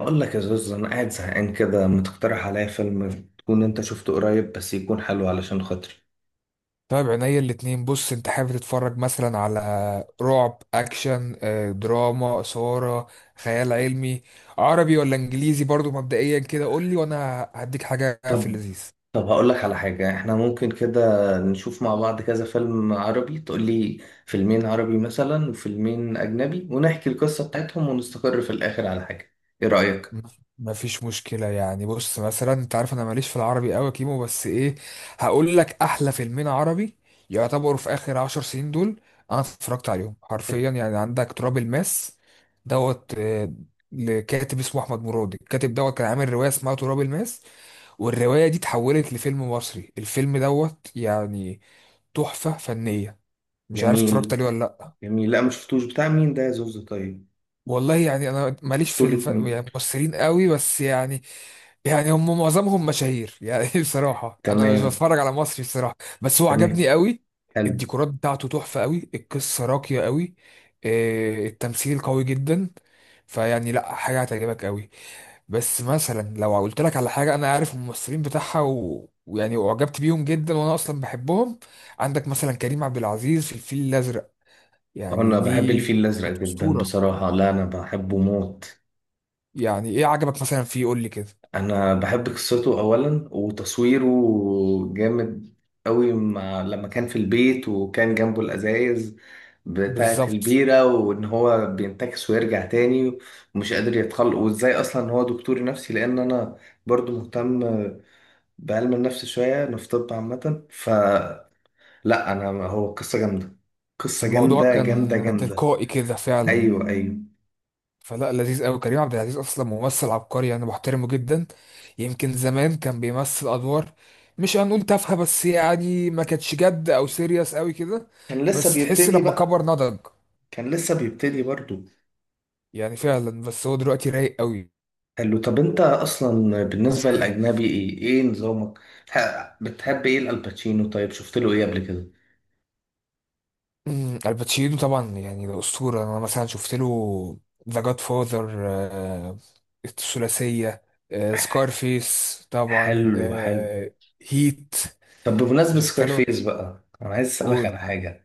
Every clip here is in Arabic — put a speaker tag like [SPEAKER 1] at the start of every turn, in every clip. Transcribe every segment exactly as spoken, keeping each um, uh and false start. [SPEAKER 1] أقول لك يا زوز، أنا قاعد زهقان كده، ما تقترح عليا فيلم تكون أنت شفته قريب، بس يكون حلو علشان خاطري.
[SPEAKER 2] طيب، عينيا الاتنين. بص، انت حابب تتفرج مثلا على رعب، اكشن، آه، دراما، اثارة، خيال علمي، عربي ولا انجليزي؟ برضو مبدئيا كده قول لي وانا هديك حاجة في
[SPEAKER 1] طب.
[SPEAKER 2] اللذيذ.
[SPEAKER 1] طب هقول لك على حاجة، إحنا ممكن كده نشوف مع بعض كذا فيلم عربي. تقول لي فيلمين عربي مثلا وفيلمين أجنبي، ونحكي القصة بتاعتهم ونستقر في الآخر على حاجة. إيه رأيك؟
[SPEAKER 2] ما فيش مشكلة يعني بص مثلا، انت عارف انا ماليش في العربي قوي يا كيمو، بس ايه، هقول لك احلى فيلمين عربي يعتبروا في اخر عشر سنين دول. انا اتفرجت عليهم حرفيا. يعني عندك تراب الماس دوت آه، لكاتب اسمه احمد مراد. الكاتب دوت كان عامل رواية اسمها تراب الماس، والرواية دي اتحولت لفيلم مصري. الفيلم دوت يعني تحفة فنية. مش عارف اتفرجت
[SPEAKER 1] جميل.
[SPEAKER 2] عليه ولا لا.
[SPEAKER 1] جميل، لا ما شفتوش. بتاع مين ده يا زوز؟ طيب،
[SPEAKER 2] والله يعني انا ماليش في
[SPEAKER 1] بطولة
[SPEAKER 2] الف...
[SPEAKER 1] مين؟
[SPEAKER 2] يعني ممثلين قوي، بس يعني يعني هم معظمهم مشاهير يعني بصراحة انا مش
[SPEAKER 1] تمام.
[SPEAKER 2] بتفرج على مصري بصراحة. بس هو
[SPEAKER 1] تمام.
[SPEAKER 2] عجبني قوي.
[SPEAKER 1] حلو.
[SPEAKER 2] الديكورات بتاعته تحفة قوي، القصة راقية قوي، آه، التمثيل قوي جدا. فيعني لا، حاجة هتعجبك قوي. بس مثلا لو قلت لك على حاجة، انا عارف الممثلين بتاعها و... ويعني اعجبت بيهم جدا، وانا اصلا بحبهم. عندك مثلا كريم عبد العزيز في الفيل الازرق، يعني
[SPEAKER 1] أنا بحب
[SPEAKER 2] دي
[SPEAKER 1] الفيل الأزرق
[SPEAKER 2] كانت
[SPEAKER 1] جدا
[SPEAKER 2] أسطورة.
[SPEAKER 1] بصراحة، لا أنا بحبه موت.
[SPEAKER 2] يعني ايه عجبك مثلا فيه؟ قول لي كده.
[SPEAKER 1] انا بحب قصته اولا، وتصويره جامد قوي، مع لما كان في البيت وكان جنبه الازايز بتاعة
[SPEAKER 2] بالظبط.
[SPEAKER 1] البيرة وان هو بينتكس ويرجع تاني، ومش قادر يتخلق، وازاي اصلا هو دكتور نفسي. لان انا برضو مهتم بعلم النفس شوية، انا في طب عامة. فلا، انا هو قصة جامدة، قصة
[SPEAKER 2] الموضوع
[SPEAKER 1] جامدة
[SPEAKER 2] كان
[SPEAKER 1] جامدة جامدة.
[SPEAKER 2] تلقائي كده فعلا.
[SPEAKER 1] ايوه، ايوه.
[SPEAKER 2] فلا، لذيذ قوي. كريم عبد العزيز اصلا ممثل عبقري، انا بحترمه جدا. يمكن زمان كان بيمثل ادوار مش هنقول تافهه، بس يعني ما كانتش جد او سيريس قوي كده.
[SPEAKER 1] كان لسه
[SPEAKER 2] بس تحس
[SPEAKER 1] بيبتدي
[SPEAKER 2] لما كبر
[SPEAKER 1] بقى.
[SPEAKER 2] نضج
[SPEAKER 1] كان لسه بيبتدي برضو.
[SPEAKER 2] يعني فعلا. بس هو دلوقتي رايق
[SPEAKER 1] حلو. طب انت اصلا بالنسبه
[SPEAKER 2] قوي.
[SPEAKER 1] للاجنبي، ايه ايه نظامك؟ ح- بتحب ايه؟ الالباتشينو، طيب شفت له ايه قبل كده؟
[SPEAKER 2] مم، الباتشينو طبعا يعني ده أسطورة. أنا مثلا شفت له ذا جاد فاذر الثلاثية، سكارفيس طبعا،
[SPEAKER 1] حلو حلو.
[SPEAKER 2] آه، هيت.
[SPEAKER 1] طب بمناسبه
[SPEAKER 2] شفت له.
[SPEAKER 1] سكارفيس بقى، انا عايز اسالك
[SPEAKER 2] قول.
[SPEAKER 1] على حاجه.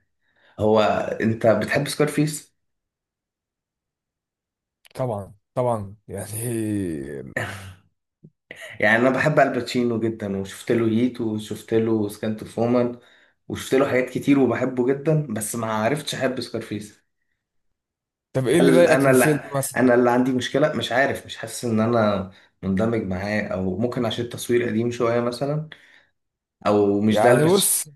[SPEAKER 1] هو انت بتحب سكارفيس؟
[SPEAKER 2] طبعا، طبعا يعني
[SPEAKER 1] يعني انا بحب الباتشينو جدا، وشفت له هيت، وشفت له سكانت فومان، وشفت له حاجات كتير، وبحبه جدا، بس ما عرفتش احب سكارفيس.
[SPEAKER 2] طب إيه اللي
[SPEAKER 1] هل
[SPEAKER 2] ضايقك
[SPEAKER 1] انا؟
[SPEAKER 2] من الفيلم
[SPEAKER 1] لا،
[SPEAKER 2] مثلا؟
[SPEAKER 1] انا اللي عندي مشكله، مش عارف، مش حاسس ان انا مندمج معاه، او ممكن عشان التصوير قديم شويه مثلا، او مش ده
[SPEAKER 2] يعني
[SPEAKER 1] البس.
[SPEAKER 2] بص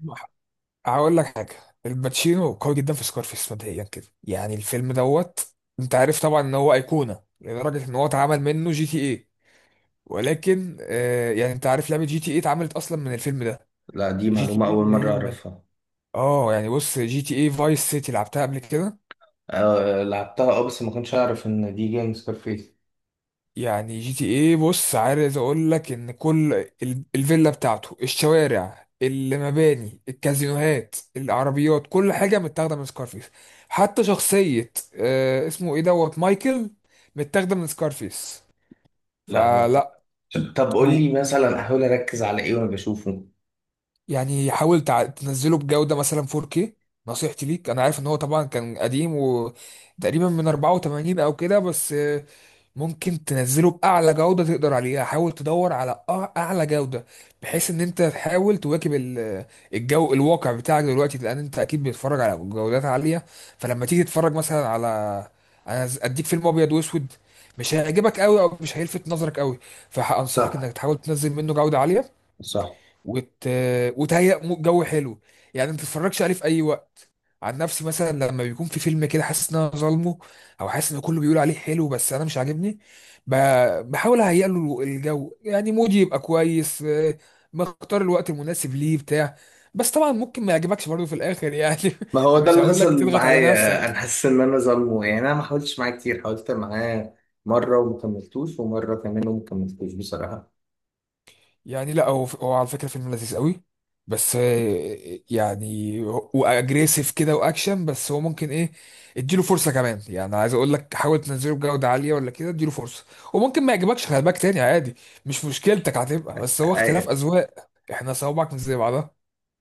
[SPEAKER 2] هقول لك حاجة. الباتشينو قوي جدا في سكارفيس. مبدئيا كده يعني الفيلم دوت، أنت عارف طبعا إن هو أيقونة لدرجة إن هو اتعمل منه جي تي ايه. ولكن آه يعني انت عارف لعبه جي تي اي اتعملت اصلا من الفيلم ده.
[SPEAKER 1] لا دي
[SPEAKER 2] جي تي
[SPEAKER 1] معلومه
[SPEAKER 2] اي
[SPEAKER 1] اول
[SPEAKER 2] اللي
[SPEAKER 1] مره
[SPEAKER 2] هي
[SPEAKER 1] اعرفها.
[SPEAKER 2] اه يعني بص، جي تي اي فايس سيتي لعبتها قبل كده.
[SPEAKER 1] أه لعبتها، اه، بس ما كنتش اعرف ان دي جيم سكارفيس.
[SPEAKER 2] يعني جي تي اي بص، عايز اقول لك ان كل ال- الفيلا بتاعته، الشوارع، المباني، الكازينوهات، العربيات، كل حاجه متاخده من سكارفيس. حتى شخصيه آه اسمه ايه دوت مايكل، متاخده من سكارفيس.
[SPEAKER 1] لا مو-
[SPEAKER 2] فلا،
[SPEAKER 1] طب قول
[SPEAKER 2] هو
[SPEAKER 1] لي مثلا احاول اركز على ايه وانا بشوفه.
[SPEAKER 2] يعني حاول تع- تنزله بجودة مثلا فور كيه. نصيحتي ليك، انا عارف ان هو طبعا كان قديم وتقريبا من اربعه وتمانين او كده، بس آه، ممكن تنزله باعلى جودة تقدر عليها. حاول تدور على أع- اعلى جودة، بحيث ان انت تحاول تواكب ال- الجو الواقع بتاعك دلوقتي، لان انت اكيد بتتفرج على جودات عالية. فلما تيجي تتفرج مثلا على، انا ز- اديك فيلم ابيض واسود، مش هيعجبك قوي او مش هيلفت نظرك قوي. فانصحك
[SPEAKER 1] صح.
[SPEAKER 2] انك تحاول تنزل منه جودة عالية
[SPEAKER 1] صح.
[SPEAKER 2] وت... وتهيأ مو- جو حلو. يعني ما تتفرجش عليه في اي وقت. عن نفسي مثلا، لما بيكون في فيلم كده حاسس ان انا ظالمه، او حاسس ان كله بيقول عليه حلو بس انا مش عاجبني، ب... بحاول اهيئ له الجو، يعني مودي يبقى كويس. آه، بختار الوقت المناسب ليه بتاع. بس طبعا ممكن ما يعجبكش برضه في الاخر يعني.
[SPEAKER 1] ما هو ده
[SPEAKER 2] مش
[SPEAKER 1] اللي
[SPEAKER 2] هقول لك
[SPEAKER 1] حصل
[SPEAKER 2] تضغط على
[SPEAKER 1] معايا، انا
[SPEAKER 2] نفسك.
[SPEAKER 1] حاسس ان انا ظلمه، يعني انا ما حاولتش معاه كتير، حاولت معاه مره وما كملتوش، ومره كمان وما كملتوش بصراحه.
[SPEAKER 2] يعني لا، هو هو على فكرة فيلم لذيذ قوي، بس آه، يعني واجريسيف كده واكشن. بس هو ممكن ايه، اديله فرصة كمان. يعني عايز اقول لك حاول تنزله بجودة عالية ولا كده، اديله فرصة. وممكن ما يعجبكش، خلي بالك تاني عادي. مش مشكلتك هتبقى، بس هو اختلاف اذواق، احنا صوابعك مش زي بعضها.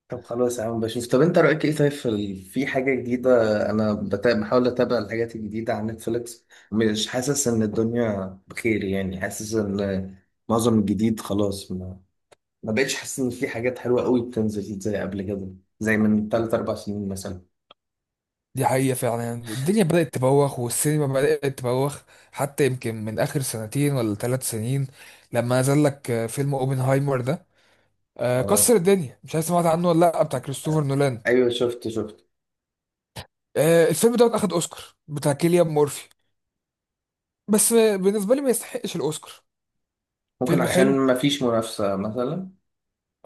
[SPEAKER 1] طب خلاص يا عم بشوف. طب انت رأيك ايه طيب في ال- في حاجة جديدة؟ انا بتا- بحاول اتابع الحاجات الجديدة على نتفليكس، مش حاسس ان الدنيا بخير، يعني حاسس ان معظم الجديد خلاص ما, ما بقتش حاسس ان في حاجات حلوة قوي بتنزل زي قبل كده، زي من تلاتة أربع سنين مثلا.
[SPEAKER 2] دي حقيقة فعلا. يعني الدنيا بدأت تبوخ والسينما بدأت تبوخ، حتى يمكن من آخر سنتين ولا ثلاث سنين. لما نزل لك آه، فيلم اوبنهايمر ده، آه،
[SPEAKER 1] اه،
[SPEAKER 2] كسر الدنيا. مش عارف سمعت عنه ولا لا؟ بتاع كريستوفر نولان.
[SPEAKER 1] ايوه شفت شفت.
[SPEAKER 2] آه، الفيلم دوت اخد اوسكار، بتاع كيليان مورفي. بس آه، بالنسبه لي ما يستحقش الاوسكار.
[SPEAKER 1] ممكن
[SPEAKER 2] فيلم
[SPEAKER 1] عشان
[SPEAKER 2] حلو،
[SPEAKER 1] ما فيش منافسة مثلا.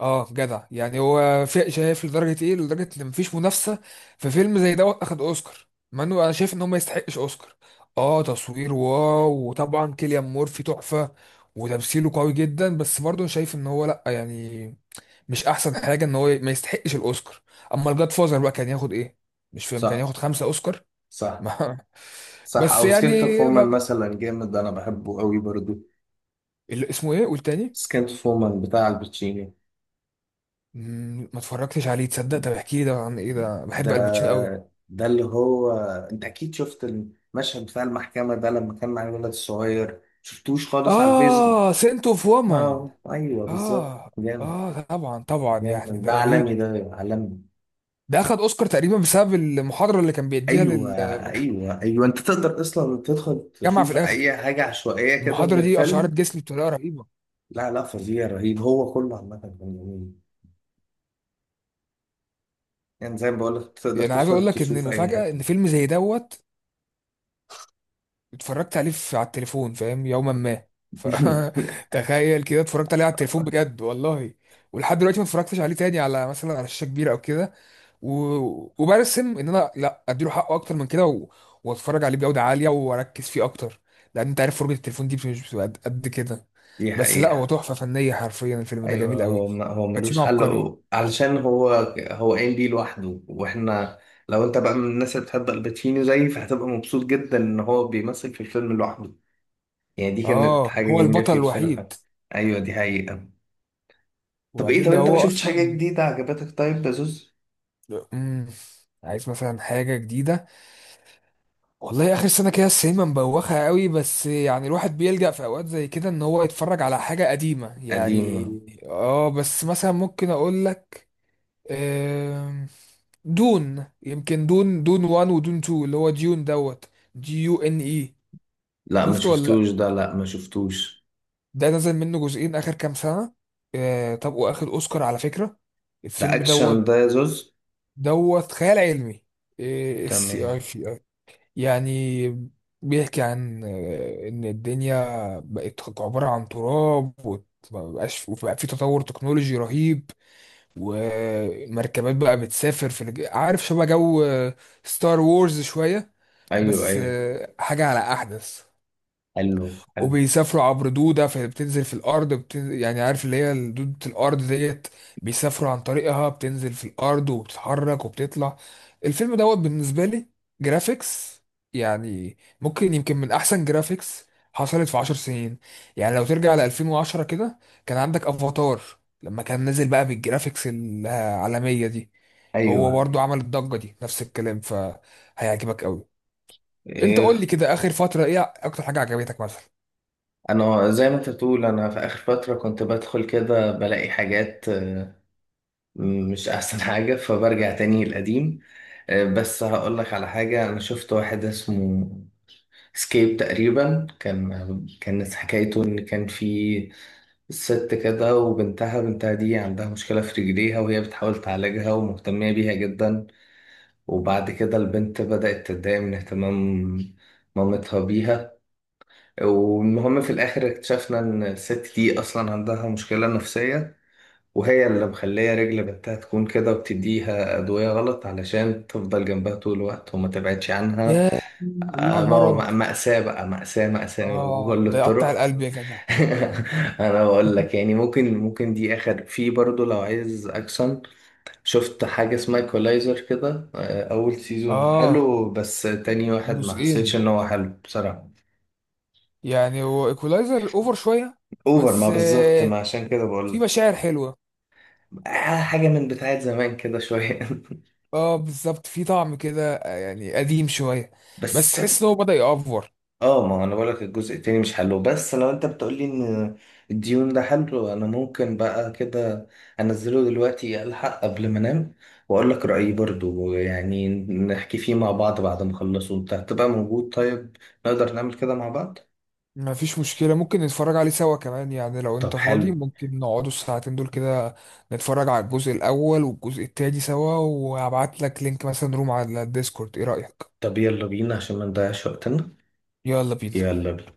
[SPEAKER 2] اه جدع، يعني هو في- شايف لدرجه ايه، لدرجه ان مفيش منافسه في فيلم زي دوت اخد اوسكار؟ مع انه انا شايف ان هو ما يستحقش اوسكار. اه تصوير واو، وطبعا كيليان مورفي تحفه، وتمثيله قوي جدا. بس برضه أنا شايف ان هو لا يعني مش احسن حاجه، ان هو ما يستحقش الاوسكار. اما الجاد فازر بقى كان ياخد ايه؟ مش فاهم، كان ياخد
[SPEAKER 1] صح.
[SPEAKER 2] خمسه اوسكار
[SPEAKER 1] صح.
[SPEAKER 2] ما
[SPEAKER 1] صح،
[SPEAKER 2] بس
[SPEAKER 1] او
[SPEAKER 2] يعني
[SPEAKER 1] سكنت فورمان مثلا جامد، انا بحبه قوي برضو.
[SPEAKER 2] اللي اسمه ايه؟ قول تاني.
[SPEAKER 1] سكنت فورمان بتاع الباتشينو.
[SPEAKER 2] مم، ما اتفرجتش عليه تصدق. طب احكي لي ده عن ايه؟ ده
[SPEAKER 1] ده
[SPEAKER 2] بحب الباتشينو قوي.
[SPEAKER 1] ده اللي هو، انت اكيد شفت المشهد بتاع المحكمة ده، لما كان مع الولد الصغير، شفتوش خالص على الفيسبوك؟
[SPEAKER 2] اه، سنت اوف وومن.
[SPEAKER 1] اه، ايوه بالظبط،
[SPEAKER 2] اه.
[SPEAKER 1] جامد.
[SPEAKER 2] اه طبعا، طبعا يعني
[SPEAKER 1] جامد،
[SPEAKER 2] ده
[SPEAKER 1] ده
[SPEAKER 2] رهيب.
[SPEAKER 1] عالمي، ده عالمي.
[SPEAKER 2] ده اخد اوسكار تقريبا بسبب المحاضره اللي كان بيديها
[SPEAKER 1] ايوه
[SPEAKER 2] للجامعه
[SPEAKER 1] ايوه ايوه، انت تقدر اصلا تدخل
[SPEAKER 2] في
[SPEAKER 1] تشوف
[SPEAKER 2] الاخر.
[SPEAKER 1] اي حاجة عشوائية كده من
[SPEAKER 2] المحاضره دي اشعرت
[SPEAKER 1] الفيلم.
[SPEAKER 2] جسمي بطريقه رهيبه.
[SPEAKER 1] لا لا، فظيع، رهيب، هو كله عامة كان جميل. يعني زي ما بقولك، تقدر
[SPEAKER 2] يعني عايز اقول
[SPEAKER 1] تدخل
[SPEAKER 2] لك ان
[SPEAKER 1] تشوف اي
[SPEAKER 2] المفاجاه، ان
[SPEAKER 1] حتة.
[SPEAKER 2] فيلم زي دوت اتفرجت عليه في على التليفون، فاهم، يوما ما ف تخيل كده، اتفرجت عليه على التليفون بجد والله. ولحد دلوقتي ما اتفرجتش عليه تاني على، مثلا على شاشة كبيرة او كده، و... وبرسم ان انا لا اديله حقه اكتر من كده، و... واتفرج عليه بجودة عالية واركز فيه اكتر. لان انت عارف فرجة التليفون دي مش بتبقى قد قد كده.
[SPEAKER 1] دي
[SPEAKER 2] بس لا، هو
[SPEAKER 1] حقيقة.
[SPEAKER 2] تحفة فنية حرفيا، الفيلم ده جميل
[SPEAKER 1] ايوه،
[SPEAKER 2] قوي.
[SPEAKER 1] هو ما هو ملوش
[SPEAKER 2] باتشينو
[SPEAKER 1] حل،
[SPEAKER 2] عبقري.
[SPEAKER 1] و- علشان هو، هو قايم بيه لوحده. واحنا، لو انت بقى من الناس اللي بتحب الباتشينو زيي، فهتبقى مبسوط جدا ان هو بيمثل في الفيلم لوحده، يعني دي كانت
[SPEAKER 2] اه،
[SPEAKER 1] حاجة
[SPEAKER 2] هو
[SPEAKER 1] جميلة
[SPEAKER 2] البطل
[SPEAKER 1] فيه بصراحة.
[SPEAKER 2] الوحيد،
[SPEAKER 1] ايوه دي حقيقة. طب ايه؟
[SPEAKER 2] وبعدين
[SPEAKER 1] طب
[SPEAKER 2] ده
[SPEAKER 1] انت ما
[SPEAKER 2] هو
[SPEAKER 1] شفتش حاجة
[SPEAKER 2] اصلا.
[SPEAKER 1] جديدة عجبتك طيب يا زوز؟
[SPEAKER 2] مم. عايز مثلا حاجة جديدة. والله اخر سنه كده السينما مبوخه قوي، بس يعني الواحد بيلجأ في اوقات زي كده ان هو يتفرج على حاجه قديمه يعني.
[SPEAKER 1] قديمة.
[SPEAKER 2] اه بس مثلا ممكن اقول لك آم، دون، يمكن دون دون واحد ودون اتنين، اللي هو ديون دوت دي يو ان اي.
[SPEAKER 1] لا ما
[SPEAKER 2] شفته ولا لا؟
[SPEAKER 1] شفتوش ده، لا ما شفتوش.
[SPEAKER 2] ده نزل منه جزئين اخر كام سنه. آه طب واخد اوسكار على فكره،
[SPEAKER 1] ده
[SPEAKER 2] الفيلم
[SPEAKER 1] اكشن
[SPEAKER 2] دوت.
[SPEAKER 1] ده يا زوز؟
[SPEAKER 2] دوت خيال علمي، اي اس سي
[SPEAKER 1] تمام.
[SPEAKER 2] اي. يعني بيحكي عن آه، إن الدنيا بقت عبارة عن تراب، ومبقاش، وبقى في تطور تكنولوجي رهيب، ومركبات بقى بتسافر في الج... عارف شبه جو ستار وورز شوية،
[SPEAKER 1] ايوه
[SPEAKER 2] بس
[SPEAKER 1] ايوه.
[SPEAKER 2] آه، حاجة على أحدث.
[SPEAKER 1] حلو حلو.
[SPEAKER 2] وبيسافروا عبر دودة فبتنزل في الأرض بت... يعني عارف اللي هي دودة الأرض ديت. بيسافروا عن طريقها، بتنزل في الأرض وبتتحرك وبتطلع. الفيلم دوت بالنسبة لي جرافيكس، يعني ممكن يمكن من أحسن جرافيكس حصلت في عشر سنين. يعني لو ترجع ل الفين وعشرة كده، كان عندك أفاتار لما كان نازل بقى بالجرافيكس العالمية دي. هو
[SPEAKER 1] ايوه.
[SPEAKER 2] برضو عمل الضجة دي نفس الكلام، فهيعجبك قوي. انت
[SPEAKER 1] إيه،
[SPEAKER 2] قول لي كده، آخر فترة ايه أكتر حاجة عجبتك مثلا؟
[SPEAKER 1] انا زي ما انت بتقول، انا في اخر فتره كنت بدخل كده بلاقي حاجات آه، مش احسن حاجه، فبرجع تاني للقديم. آه، بس هقول لك على حاجه، انا شفت واحد اسمه سكيب تقريبا، كان كانت حكايته ان كان في ست كده وبنتها، بنتها دي عندها مشكله في رجليها، وهي بتحاول تعالجها ومهتميه بيها جدا، وبعد كده البنت بدات تتضايق من اهتمام مامتها بيها. والمهم، في الآخر اكتشفنا إن الست دي أصلا عندها مشكلة نفسية، وهي اللي مخلية رجل بنتها تكون كده، وبتديها أدوية غلط علشان تفضل جنبها طول الوقت وما تبعدش عنها.
[SPEAKER 2] يا ايوه،
[SPEAKER 1] آه، ما هو
[SPEAKER 2] المرض.
[SPEAKER 1] مأ- مأساة بقى، مأساة مأساة
[SPEAKER 2] اه
[SPEAKER 1] بكل
[SPEAKER 2] ده يقطع
[SPEAKER 1] الطرق.
[SPEAKER 2] القلب يا جدع.
[SPEAKER 1] أنا بقول لك، يعني ممكن، ممكن دي آخر. في برضو لو عايز أكشن، شفت حاجة اسمها إيكولايزر كده، آه، أول سيزون
[SPEAKER 2] اه
[SPEAKER 1] حلو، بس تاني واحد ما حسيتش
[SPEAKER 2] جزئين.
[SPEAKER 1] إن هو حلو بصراحة.
[SPEAKER 2] يعني هو ايكولايزر اوفر شويه،
[SPEAKER 1] اوفر، ما
[SPEAKER 2] بس
[SPEAKER 1] بالظبط،
[SPEAKER 2] آه
[SPEAKER 1] ما عشان كده
[SPEAKER 2] في
[SPEAKER 1] بقول.
[SPEAKER 2] مشاعر حلوه.
[SPEAKER 1] آه، حاجة من بتاعت زمان كده شوية.
[SPEAKER 2] اه بالظبط في طعم كده، آه، يعني قديم شويه، بس
[SPEAKER 1] بس
[SPEAKER 2] تحس ان هو بدأ يأفور.
[SPEAKER 1] اه، ما انا بقولك الجزء التاني مش حلو، بس لو انت بتقولي ان الديون ده حلو، انا ممكن بقى كده انزله دلوقتي الحق قبل ما انام، واقولك رأيي برضو، يعني نحكي فيه مع بعض بعد ما اخلصه. انت هتبقى موجود طيب؟ نقدر نعمل كده مع بعض.
[SPEAKER 2] ما فيش مشكله، ممكن نتفرج عليه سوا كمان. يعني لو
[SPEAKER 1] طب
[SPEAKER 2] انت فاضي
[SPEAKER 1] حلو.
[SPEAKER 2] ممكن نقعدوا الساعتين دول كده، نتفرج على الجزء الاول والجزء التاني سوا، وهبعت لك لينك مثلا روم على الديسكورد. ايه رأيك؟
[SPEAKER 1] طب يلا بينا عشان ما نضيعش وقتنا.
[SPEAKER 2] يلا بينا.
[SPEAKER 1] يلا بينا.